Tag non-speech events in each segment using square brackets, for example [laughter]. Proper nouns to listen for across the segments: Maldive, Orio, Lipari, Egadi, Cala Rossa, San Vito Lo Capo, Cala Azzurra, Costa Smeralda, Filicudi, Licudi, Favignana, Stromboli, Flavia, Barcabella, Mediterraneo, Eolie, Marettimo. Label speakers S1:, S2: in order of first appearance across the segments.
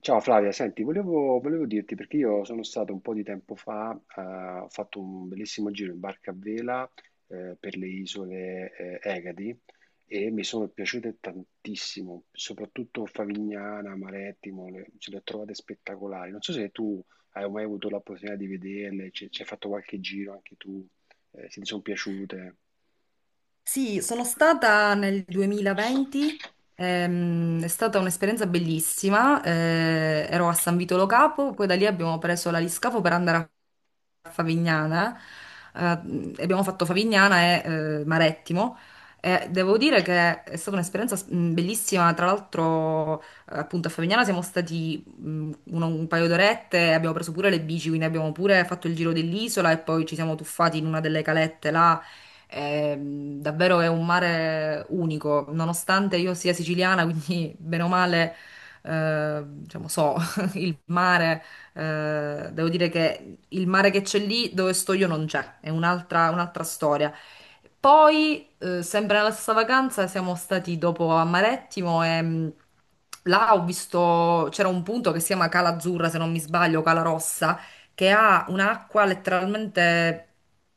S1: Ciao Flavia, senti, volevo dirti perché io sono stato un po' di tempo fa, ho fatto un bellissimo giro in barca a vela per le isole Egadi e mi sono piaciute tantissimo, soprattutto Favignana, Marettimo, le, ce le ho trovate spettacolari. Non so se tu hai mai avuto l'opportunità di vederle, ci hai fatto qualche giro anche tu, se ti sono piaciute.
S2: Sì, sono stata nel 2020, è stata un'esperienza bellissima, ero a San Vito Lo Capo, poi da lì abbiamo preso la l'aliscafo per andare a Favignana, eh, e abbiamo fatto Favignana e Marettimo. E devo dire che è stata un'esperienza bellissima. Tra l'altro, appunto, a Favignana siamo stati un paio d'orette, abbiamo preso pure le bici, quindi abbiamo pure fatto il giro dell'isola e poi ci siamo tuffati in una delle calette là. E, davvero è un mare unico, nonostante io sia siciliana, [laughs] quindi bene o male, diciamo, so [laughs] il mare. Devo dire che il mare che c'è lì dove sto io non c'è, è un'altra storia. Poi, sempre nella stessa vacanza, siamo stati dopo a Marettimo e là ho visto, c'era un punto che si chiama Cala Azzurra, se non mi sbaglio, Cala Rossa, che ha un'acqua letteralmente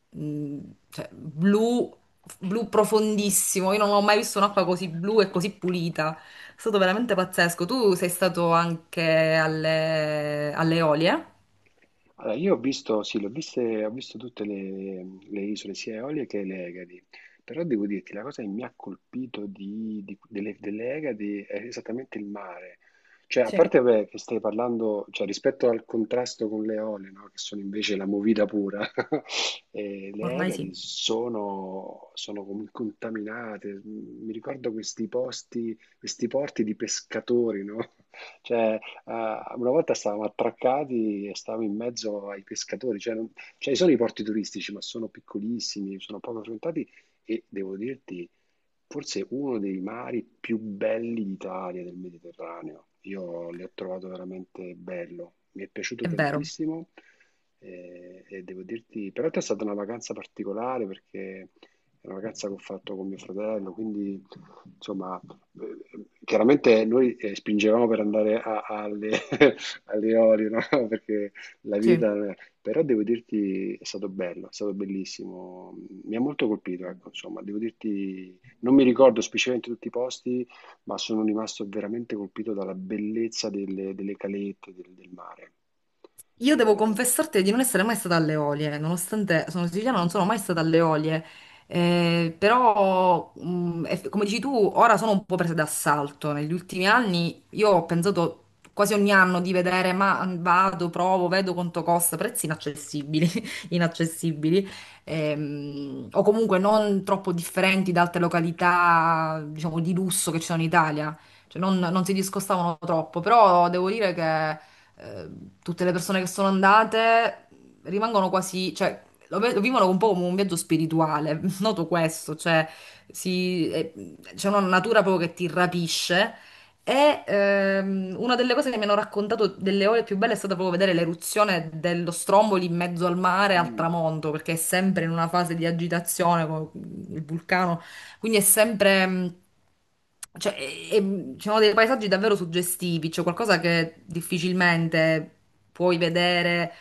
S2: mh, cioè, blu, blu profondissimo. Io non ho mai visto un'acqua così blu e così pulita. È stato veramente pazzesco. Tu sei stato anche alle Eolie?
S1: Allora, io ho visto, sì, ho visto tutte le isole, sia Eolie che le Egadi, però devo dirti, la cosa che mi ha colpito delle, delle Egadi è esattamente il mare. Cioè, a
S2: Sì.
S1: parte vabbè, che stai parlando, cioè, rispetto al contrasto con le Eolie, no, che sono invece la movida pura. [laughs] Eh, le
S2: Ormai
S1: Egadi
S2: sì,
S1: sono, contaminate. Mi ricordo questi posti, questi porti di pescatori, no? [laughs] Cioè, eh, una volta stavamo attraccati e stavamo in mezzo ai pescatori, cioè, cioè ci sono i porti turistici, ma sono piccolissimi, sono poco frequentati e devo dirti, forse uno dei mari più belli d'Italia, del Mediterraneo. Io l'ho trovato veramente bello, mi è piaciuto
S2: è vero.
S1: tantissimo. Eh, e devo dirti, però è stata una vacanza particolare perché è una vacanza che ho fatto con mio fratello, quindi insomma chiaramente noi spingevamo per andare alle, [laughs] alle Orio, no? [laughs] Perché la
S2: Sì.
S1: vita, però devo dirti è stato bello, è stato bellissimo, mi ha molto colpito, ecco, insomma, devo dirti, non mi ricordo specificamente tutti i posti, ma sono rimasto veramente colpito dalla bellezza delle, delle calette, del, del mare.
S2: Io devo
S1: Eh,
S2: confessarti di non essere mai stata alle Olie, nonostante sono siciliana, non sono mai stata alle Olie. Però, come dici tu, ora sono un po' presa d'assalto. Negli ultimi anni io ho pensato quasi ogni anno di vedere, ma vado, provo, vedo quanto costa, prezzi inaccessibili, [laughs] inaccessibili, o comunque non troppo differenti da altre località, diciamo, di lusso che ci sono in Italia. Cioè, non si discostavano troppo, però devo dire che eh, tutte le persone che sono andate rimangono quasi, cioè, lo vivono un po' come un viaggio spirituale, [laughs] noto questo, cioè, si- eh, c'è una natura proprio che ti rapisce. E una delle cose che mi hanno raccontato delle ore più belle è stata proprio vedere l'eruzione dello Stromboli in mezzo al mare al
S1: mm.
S2: tramonto, perché è sempre in una fase di agitazione con il vulcano, quindi è sempre, cioè, e ci sono dei paesaggi davvero suggestivi, cioè qualcosa che difficilmente puoi vedere,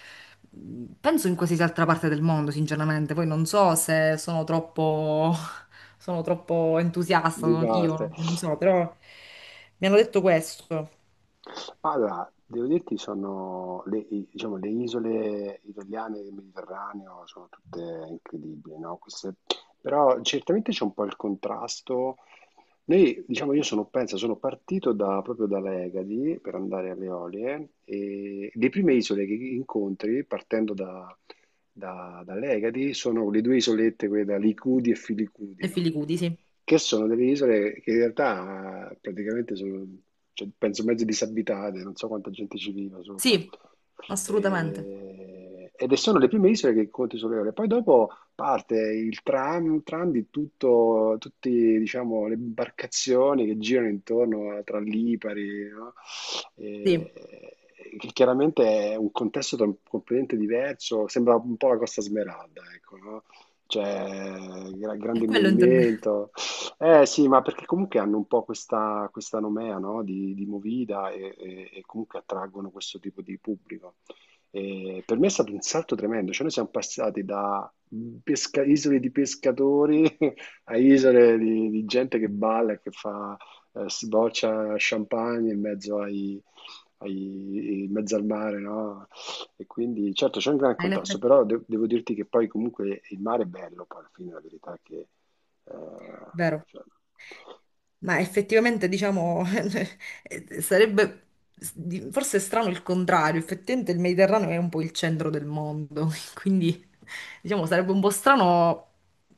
S2: penso in qualsiasi altra parte del mondo, sinceramente. Poi non so se sono troppo, [laughs] sono troppo entusiasta,
S1: Di parte.
S2: io non so, però mi hanno detto questo.
S1: Allora, devo dirti, sono le, diciamo, le isole italiane del Mediterraneo sono tutte incredibili, no? Queste... però certamente c'è un po' il contrasto. Noi, diciamo, io sono, penso, sono partito proprio dalle Egadi per andare alle Eolie e le prime isole che incontri partendo dall'Egadi, sono le due isolette, quelle da Licudi e Filicudi,
S2: E
S1: no?
S2: Filicudi, sì.
S1: Che sono delle isole che in realtà praticamente sono, cioè, penso, mezzo disabitate, non so quanta gente ci viva sopra.
S2: Sì, assolutamente.
S1: Ed sono le prime isole che conti sulle ore. Poi dopo parte il tram, tram di tutto, tutte diciamo, le imbarcazioni che girano intorno tra Lipari, no?
S2: Sì,
S1: Eh, che chiaramente è un contesto completamente diverso, sembra un po' la Costa Smeralda, ecco, no? Cioè,
S2: è
S1: grande
S2: quello intendevo.
S1: movimento. Eh sì, ma perché comunque hanno un po' questa nomea, no? Di movida e comunque attraggono questo tipo di pubblico. E per me è stato un salto tremendo, cioè noi siamo passati da isole di pescatori [laughs] a isole di gente che balla e che fa sboccia champagne in mezzo ai, in mezzo al mare, no? E quindi certo c'è un gran contrasto,
S2: [laughs]
S1: però devo dirti che poi comunque il mare è bello, poi alla fine la verità è che eh,
S2: vero?
S1: cioè,
S2: Ma effettivamente, diciamo, [laughs] sarebbe forse è strano il contrario. Effettivamente il Mediterraneo è un po' il centro del mondo, [laughs] quindi diciamo sarebbe un po' strano,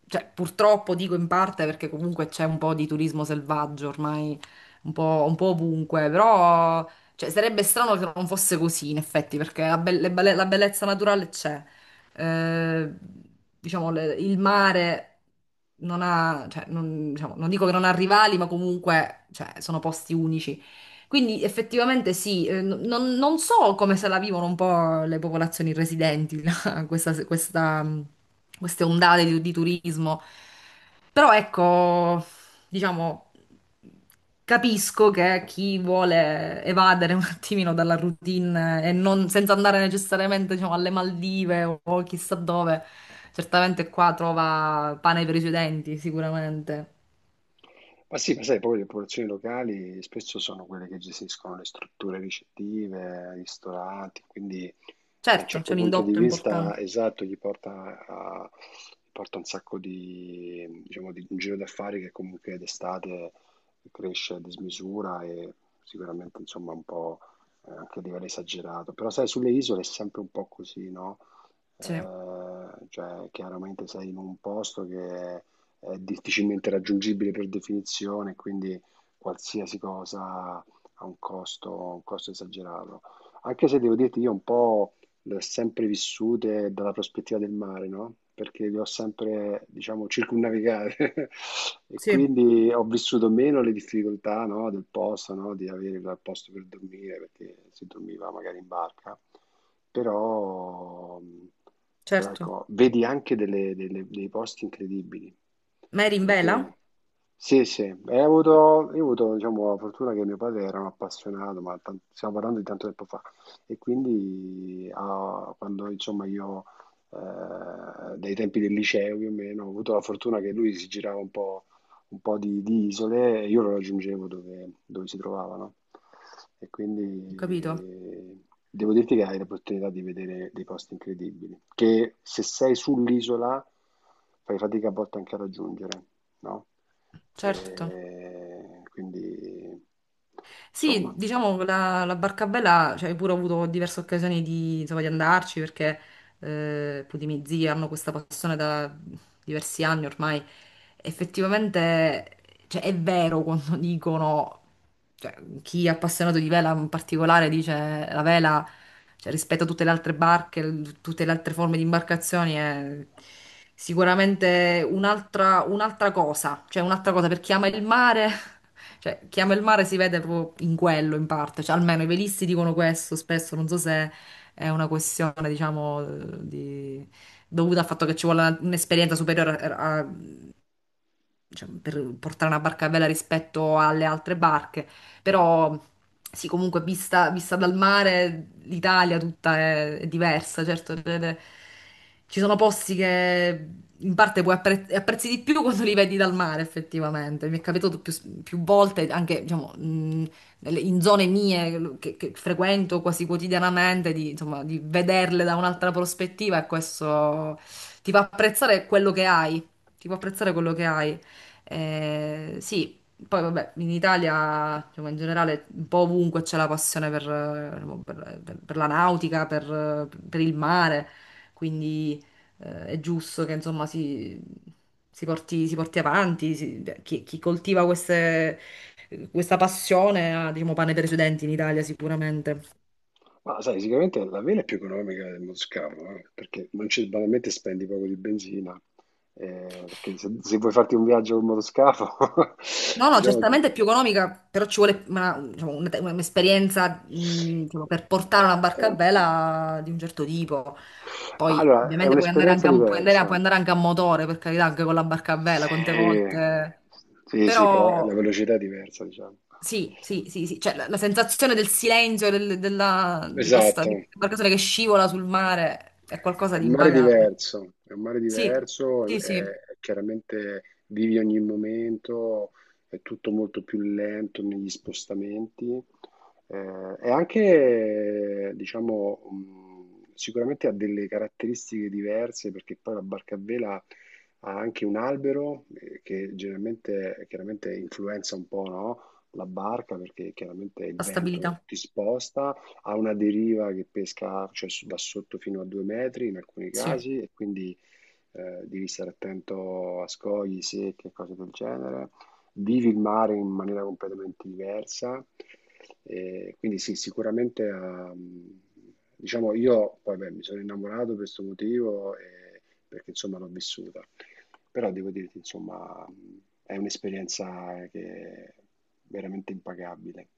S2: cioè purtroppo dico in parte perché comunque c'è un po' di turismo selvaggio ormai un po' ovunque, però cioè, sarebbe strano che non fosse così in effetti, perché la bellezza naturale c'è eh, diciamo, il mare non ha, cioè, non, diciamo, non dico che non ha rivali, ma comunque, cioè, sono posti unici. Quindi effettivamente sì, non, non so come se la vivono un po' le popolazioni residenti, [laughs] là, queste ondate di turismo, però ecco, diciamo, capisco che chi vuole evadere un attimino dalla routine e non, senza andare necessariamente, diciamo, alle Maldive o chissà dove, certamente qua trova pane per i suoi denti, sicuramente.
S1: ma sì, ma sai, poi le popolazioni locali spesso sono quelle che gestiscono le strutture ricettive, i ristoranti, quindi da un
S2: Certo, c'è
S1: certo
S2: un
S1: punto di
S2: indotto
S1: vista,
S2: importante.
S1: esatto, gli porta, gli porta un sacco di, diciamo, di un giro d'affari che comunque d'estate cresce a dismisura e sicuramente, insomma, un po' anche a livello esagerato. Però sai, sulle isole è sempre un po' così, no?
S2: Sì,
S1: Cioè, chiaramente sei in un posto che è difficilmente raggiungibile per definizione, quindi qualsiasi cosa ha un costo esagerato. Anche se devo dirti, io un po' le ho sempre vissute dalla prospettiva del mare, no? Perché le ho sempre, diciamo, circumnavigate, [laughs] e
S2: sì,
S1: quindi ho vissuto meno le difficoltà, no, del posto, no? Di avere il posto per dormire, perché si dormiva magari in barca, però, però
S2: certo.
S1: ecco, vedi anche dei posti incredibili,
S2: Mary in vela?
S1: perché... Sì, sì, e ho avuto, io ho avuto, diciamo, la fortuna che mio padre era un appassionato, ma stiamo parlando di tanto tempo fa, e quindi ah, quando insomma io, dai tempi del liceo più o meno, ho avuto la fortuna che lui si girava un po' di isole e io lo raggiungevo dove, dove si trovavano. E
S2: Ho capito.
S1: quindi devo dirti che hai l'opportunità di vedere dei posti incredibili, che se sei sull'isola fai fatica a volte anche a raggiungere, no?
S2: Certo.
S1: E quindi,
S2: Sì,
S1: insomma,
S2: diciamo che la Barcabella, cioè, hai pure avuto diverse occasioni di, insomma, di andarci perché appunto i miei zii hanno questa passione da diversi anni ormai. Effettivamente, cioè, è vero quando [laughs] dicono, cioè, chi è appassionato di vela in particolare dice la vela. Cioè, rispetto a tutte le altre barche, tutte le altre forme di imbarcazioni, è sicuramente un'altra cosa. Cioè, un'altra cosa per chi ama il mare. [laughs] Cioè, chi ama il mare si vede proprio in quello, in parte. Cioè, almeno i velisti dicono questo spesso, non so se è una questione, diciamo, di- dovuta al fatto che ci vuole un'esperienza superiore a, cioè, per portare una barca bella rispetto alle altre barche, però sì, comunque vista dal mare l'Italia tutta è diversa, certo, ci sono posti che in parte puoi apprezzi di più quando li vedi dal mare, effettivamente. Mi è capitato più volte, anche diciamo, in zone mie che frequento quasi quotidianamente, di, insomma, di vederle da un'altra prospettiva e questo ti fa apprezzare quello che hai. Ti fa apprezzare quello che hai. Sì, poi vabbè, in Italia, diciamo, in generale, un po' ovunque c'è la passione per, per la nautica, per il mare, quindi è giusto che insomma si, si porti avanti, chi, chi coltiva questa passione ha, diciamo, pane per i suoi denti in Italia sicuramente.
S1: ma sai, sicuramente la vela è più economica del moscardo, perché non c'è, banalmente spendi poco di benzina, perché se, se vuoi farti un viaggio con motoscafo.
S2: No,
S1: [laughs]
S2: no,
S1: Diciamo...
S2: certamente è più economica, però ci vuole diciamo, un'esperienza diciamo, per portare
S1: eh,
S2: una barca a
S1: eh.
S2: vela di un certo tipo.
S1: Ma
S2: Poi,
S1: allora, è
S2: ovviamente, puoi andare
S1: un'esperienza
S2: anche
S1: diversa.
S2: puoi andare anche a motore, per carità, anche con la barca a vela, quante
S1: Sì,
S2: volte.
S1: sì, sì, però la
S2: Però,
S1: velocità è diversa, diciamo.
S2: sì, sì, sì, sì. Cioè, la sensazione del silenzio
S1: Esatto,
S2: di questa barcatura che scivola sul mare è
S1: è
S2: qualcosa di
S1: un mare
S2: impagabile.
S1: diverso, è un mare
S2: Sì,
S1: diverso,
S2: sì, sì,
S1: chiaramente vivi ogni momento, è tutto molto più lento negli spostamenti, e anche, diciamo, sicuramente ha delle caratteristiche diverse perché poi la barca a vela ha anche un albero che generalmente, chiaramente influenza un po', no? La barca perché chiaramente il
S2: la
S1: vento
S2: stabilità.
S1: ti sposta, ha una deriva che pesca, cioè, da sotto fino a 2 metri in alcuni
S2: Sì.
S1: casi e quindi devi stare attento a scogli, secche e cose del genere. Vivi il mare in maniera completamente diversa. E quindi sì, sicuramente ha, diciamo io poi beh, mi sono innamorato per questo motivo perché insomma l'ho vissuta. Però devo dirti, insomma, è un'esperienza che è veramente impagabile.